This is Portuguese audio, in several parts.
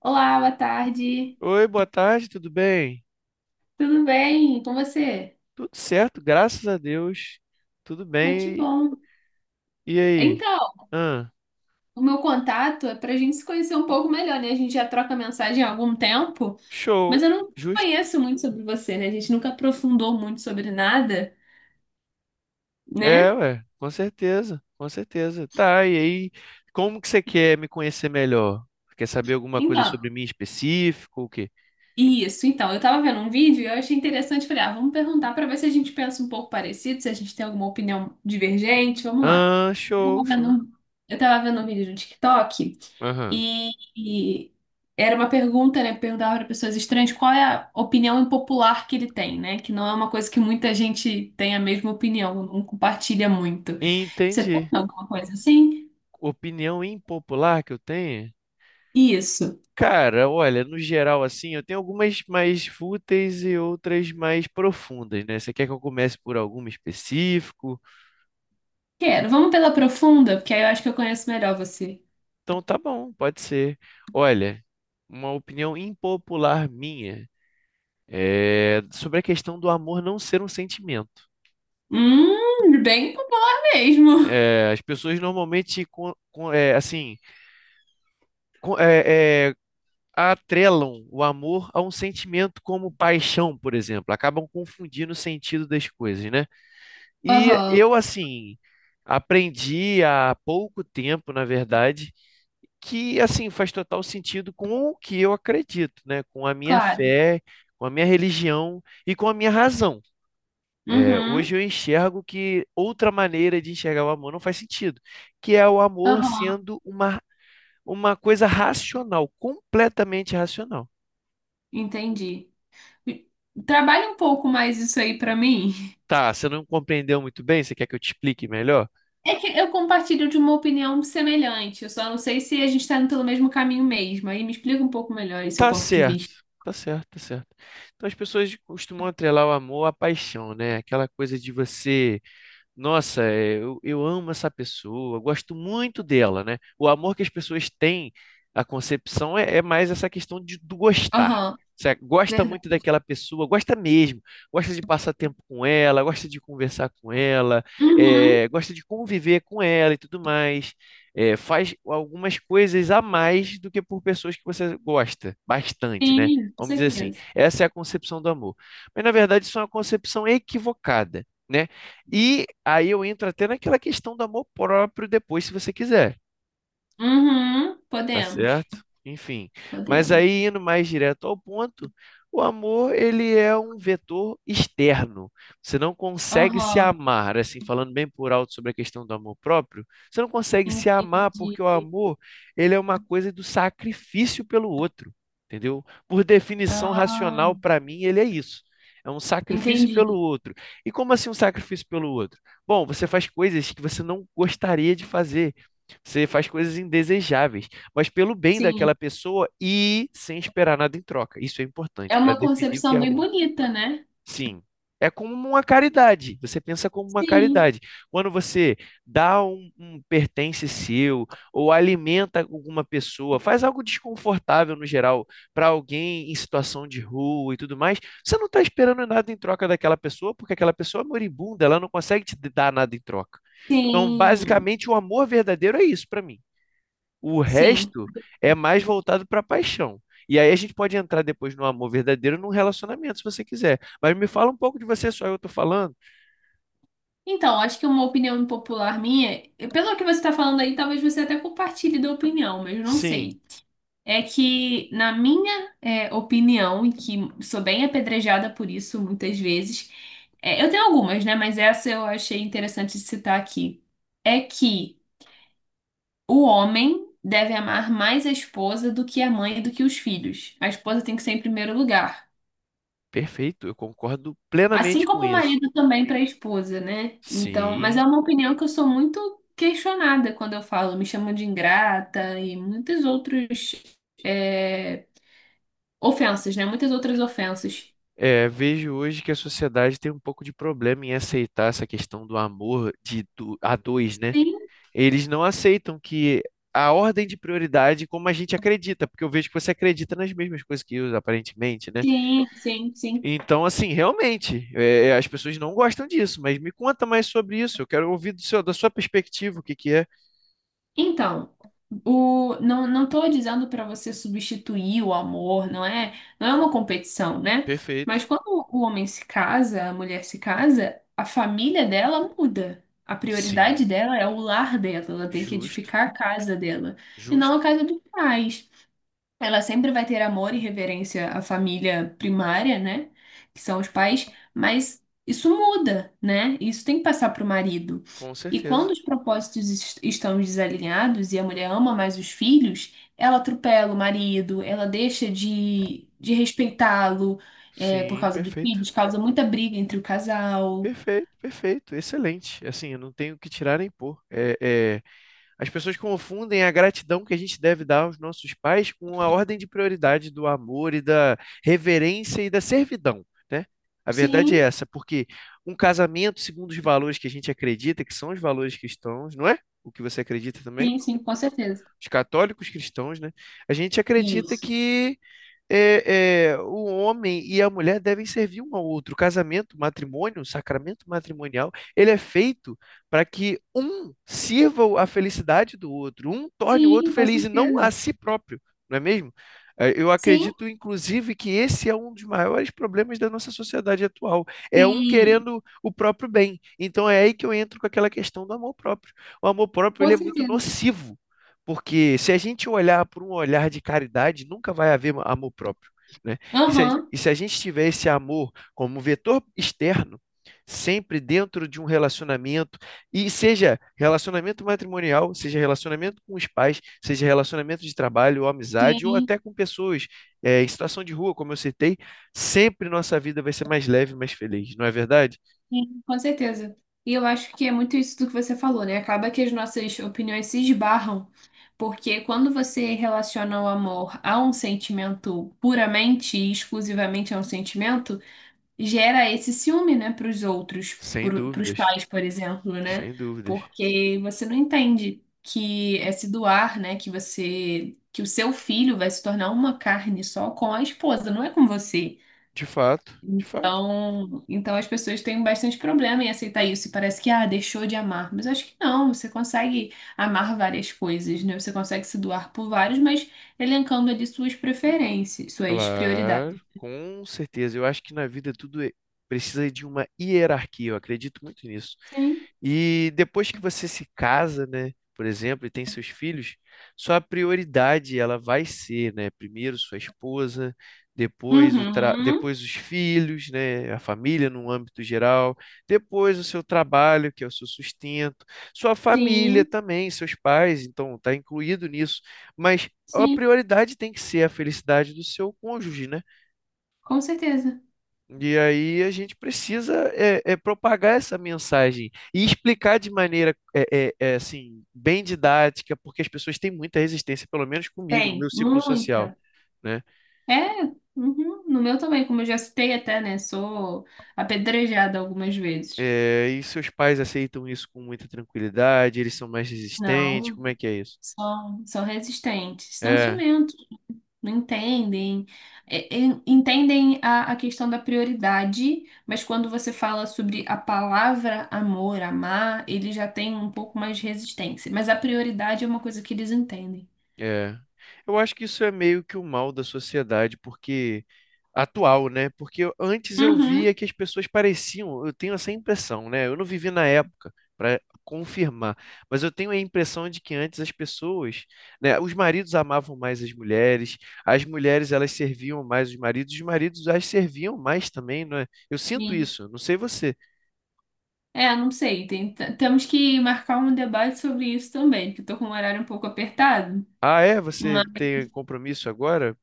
Olá, boa tarde. Oi, boa tarde, tudo bem? Tudo bem com você? Tudo certo, graças a Deus. Tudo Ai, que bem. bom. E aí? Então, Ah, o meu contato é para a gente se conhecer um pouco melhor, né? A gente já troca mensagem há algum tempo, mas show, eu não justo. conheço muito sobre você, né? A gente nunca aprofundou muito sobre nada, É, né? ué, com certeza, com certeza. Tá, e aí, como que você quer me conhecer melhor? Quer saber alguma coisa Então, sobre mim em específico, o quê? isso. Então, eu tava vendo um vídeo e eu achei interessante. Falei, ah, vamos perguntar para ver se a gente pensa um pouco parecido, se a gente tem alguma opinião divergente. Vamos lá. Ah, Eu show, tava vendo, show. um, eu tava vendo um vídeo no TikTok. Aham. E era uma pergunta, né? Perguntava para pessoas estranhas qual é a opinião impopular que ele tem, né? Que não é uma coisa que muita gente tem a mesma opinião, não compartilha muito. Você tem Entendi. alguma coisa assim? Opinião impopular que eu tenho? Isso. Cara, olha, no geral, assim, eu tenho algumas mais fúteis e outras mais profundas, né? Você quer que eu comece por alguma específico? Quero. Vamos pela profunda, porque aí eu acho que eu conheço melhor você. Então tá bom, pode ser. Olha, uma opinião impopular minha é sobre a questão do amor não ser um sentimento. Bem mesmo. É, as pessoas normalmente, com- é, é, atrelam o amor a um sentimento como paixão, por exemplo. Acabam confundindo o sentido das coisas, né? E Aham, eu, assim, aprendi há pouco tempo, na verdade, que, assim, faz total sentido com o que eu acredito, né? Com a minha claro. fé, com a minha religião e com a minha razão. É, Uhum, hoje eu enxergo que outra maneira de enxergar o amor não faz sentido, que é o amor aham, sendo uma coisa racional, completamente racional. entendi. Trabalhe um pouco mais isso aí para mim. Tá, você não compreendeu muito bem? Você quer que eu te explique melhor? É que eu compartilho de uma opinião semelhante, eu só não sei se a gente está indo pelo mesmo caminho mesmo. Aí me explica um pouco melhor esse seu Tá ponto de certo, vista. tá certo, tá certo. Então as pessoas costumam atrelar o amor à paixão, né? Aquela coisa de você. Nossa, é, eu amo essa pessoa, eu gosto muito dela, né? O amor que as pessoas têm, a concepção é, é mais essa questão de, do gostar. Aham, Você gosta muito verdade. daquela pessoa, gosta mesmo, gosta de passar tempo com ela, gosta de conversar com ela, Uhum, é, gosta de conviver com ela e tudo mais. É, faz algumas coisas a mais do que por pessoas que você gosta bastante, né? sim, com Vamos dizer assim, certeza. essa é a concepção do amor. Mas na verdade, isso é uma concepção equivocada, né? E aí eu entro até naquela questão do amor próprio depois, se você quiser. Uhum, Tá podemos, certo? Enfim, mas podemos. aí indo mais direto ao ponto, o amor ele é um vetor externo. Você não consegue se Aham, amar, assim, falando bem por alto sobre a questão do amor próprio, você não consegue se amar entendi. porque o amor ele é uma coisa do sacrifício pelo outro, entendeu? Por definição Ah, racional, para mim, ele é isso. É um sacrifício pelo entendi. outro. E como assim um sacrifício pelo outro? Bom, você faz coisas que você não gostaria de fazer. Você faz coisas indesejáveis mas pelo bem Sim, daquela pessoa e sem esperar nada em troca. Isso é importante é para uma definir o que é concepção bem amor. bonita, né? Sim, é como uma caridade. Você pensa como uma Sim, caridade. Quando você dá um pertence seu ou alimenta alguma pessoa, faz algo desconfortável no geral para alguém em situação de rua e tudo mais, você não está esperando nada em troca daquela pessoa, porque aquela pessoa é moribunda, ela não consegue te dar nada em troca. Então, sim, basicamente, o amor verdadeiro é isso para mim. O sim. resto é mais voltado para paixão. E aí a gente pode entrar depois no amor verdadeiro, num relacionamento, se você quiser. Mas me fala um pouco de você, só eu tô falando. Então, acho que uma opinião impopular minha, pelo que você está falando aí, talvez você até compartilhe da opinião, mas eu não Sim, sei. É que, na minha opinião, e que sou bem apedrejada por isso muitas vezes, é, eu tenho algumas, né? Mas essa eu achei interessante de citar aqui. É que o homem deve amar mais a esposa do que a mãe e do que os filhos. A esposa tem que ser em primeiro lugar. perfeito, eu concordo Assim plenamente com como o isso. marido também para a esposa, né? Então, mas é Sim. uma opinião que eu sou muito questionada quando eu falo. Me chamam de ingrata e muitas outras é, ofensas, né? Muitas outras ofensas. É, vejo hoje que a sociedade tem um pouco de problema em aceitar essa questão do amor de a dois, né? Sim, Eles não aceitam que a ordem de prioridade, como a gente acredita, porque eu vejo que você acredita nas mesmas coisas que eu, aparentemente, né? sim, sim, sim. Então, assim, realmente, é, as pessoas não gostam disso, mas me conta mais sobre isso. Eu quero ouvir do seu, da sua perspectiva o que que é. Então, o, não, não estou dizendo para você substituir o amor, não é, não é uma competição, né? Mas Perfeito. quando o homem se casa, a mulher se casa, a família dela muda. A prioridade Sim, dela é o lar dela, ela tem que justo, edificar a casa dela, e não a justo, casa dos pais. Ela sempre vai ter amor e reverência à família primária, né? Que são os pais, mas isso muda, né? Isso tem que passar para o marido. com E quando certeza. os propósitos estão desalinhados e a mulher ama mais os filhos, ela atropela o marido, ela deixa de respeitá-lo, é, por Sim, causa dos perfeito. filhos, causa muita briga entre o casal. Perfeito, perfeito, excelente. Assim, eu não tenho o que tirar nem pôr. É, é, as pessoas confundem a gratidão que a gente deve dar aos nossos pais com a ordem de prioridade do amor e da reverência e da servidão, né? A verdade é Sim, essa, porque um casamento, segundo os valores que a gente acredita, que são os valores cristãos, não é? O que você acredita também? sim, sim, com certeza. Os católicos cristãos, né? A gente acredita Isso. que é, é, o homem e a mulher devem servir um ao outro. O casamento, o matrimônio, o sacramento matrimonial, ele é feito para que um sirva a felicidade do outro, um torne o outro Sim, com feliz e não certeza. a si próprio, não é mesmo? Eu Sim, acredito, inclusive, que esse é um dos maiores problemas da nossa sociedade atual. É um sim, querendo o próprio bem. Então é aí que eu entro com aquela questão do amor próprio. O amor próprio, com ele é muito certeza. nocivo. Porque se a gente olhar por um olhar de caridade, nunca vai haver amor próprio, né? E se a, Aham. e se a gente tiver esse amor como vetor externo, sempre dentro de um relacionamento, e seja relacionamento matrimonial, seja relacionamento com os pais, seja relacionamento de trabalho ou amizade, ou Sim. até com pessoas em situação de rua, como eu citei, sempre nossa vida vai ser mais leve, mais feliz, não é verdade? Sim, com certeza. E eu acho que é muito isso do que você falou, né? Acaba que as nossas opiniões se esbarram, porque quando você relaciona o amor a um sentimento puramente e exclusivamente a um sentimento, gera esse ciúme, né, para os outros, Sem para os dúvidas, pais, por exemplo, né? sem dúvidas. Porque você não entende que é se doar, né? Que você, que o seu filho vai se tornar uma carne só com a esposa, não é com você. De fato, de fato. Então as pessoas têm bastante problema em aceitar isso. E parece que, ah, deixou de amar. Mas acho que não, você consegue amar várias coisas, né? Você consegue se doar por vários, mas elencando ali suas preferências, suas Claro, prioridades. com certeza. Eu acho que na vida precisa de uma hierarquia, eu acredito muito nisso. Sim. E depois que você se casa, né, por exemplo, e tem seus filhos, sua prioridade ela vai ser, né, primeiro sua esposa, depois Uhum. depois os filhos, né, a família no âmbito geral, depois o seu trabalho, que é o seu sustento, sua família Sim, também, seus pais, então está incluído nisso. Mas a sim, prioridade tem que ser a felicidade do seu cônjuge, né? com certeza. E aí a gente precisa propagar essa mensagem e explicar de maneira assim bem didática, porque as pessoas têm muita resistência, pelo menos comigo, no Tem, meu ciclo social, muita. né? É, uhum. No meu também, como eu já citei até, né? Sou apedrejada algumas vezes. É, e seus pais aceitam isso com muita tranquilidade? Eles são mais resistentes? Não, Como é que é isso? são, são resistentes, são É, ciumentas. Não entendem, É, é, entendem a questão da prioridade, mas quando você fala sobre a palavra amor, amar, ele já tem um pouco mais de resistência. Mas a prioridade é uma coisa que eles entendem. é. Eu acho que isso é meio que o mal da sociedade, porque atual, né? Porque antes eu via Uhum. que as pessoas pareciam, eu tenho essa impressão, né? Eu não vivi na época para confirmar, mas eu tenho a impressão de que antes as pessoas, né, os maridos amavam mais as mulheres elas serviam mais os maridos as serviam mais também, não é? Eu sinto Sim. isso, não sei você. É, não sei. Temos que marcar um debate sobre isso também, porque estou com o horário um pouco apertado. Ah, é? Você Mas tem compromisso agora?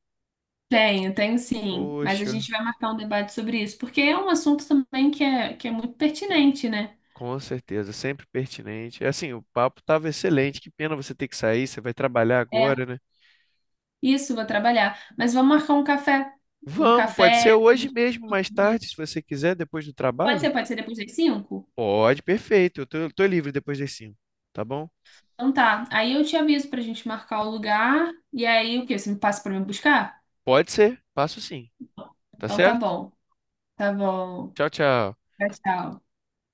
tenho, tenho sim. Mas a Poxa, gente vai marcar um debate sobre isso, porque é, um assunto também que que é muito pertinente, né? com certeza, sempre pertinente. É assim, o papo estava excelente. Que pena você ter que sair, você vai trabalhar agora, É. né? Isso, vou trabalhar. Mas vamos marcar um café. Um Vamos, pode café ser pra hoje gente mesmo, falar mais sobre tarde, isso. se você quiser, depois do trabalho? Pode ser depois das 5? Pode, perfeito. Eu tô, tô livre depois das 5, tá bom? Então tá. Aí eu te aviso pra gente marcar o lugar. E aí o quê? Você me passa pra me buscar? Pode ser, passo sim, tá Então tá certo? bom. Tá bom. Tchau, tchau. Tchau, tchau.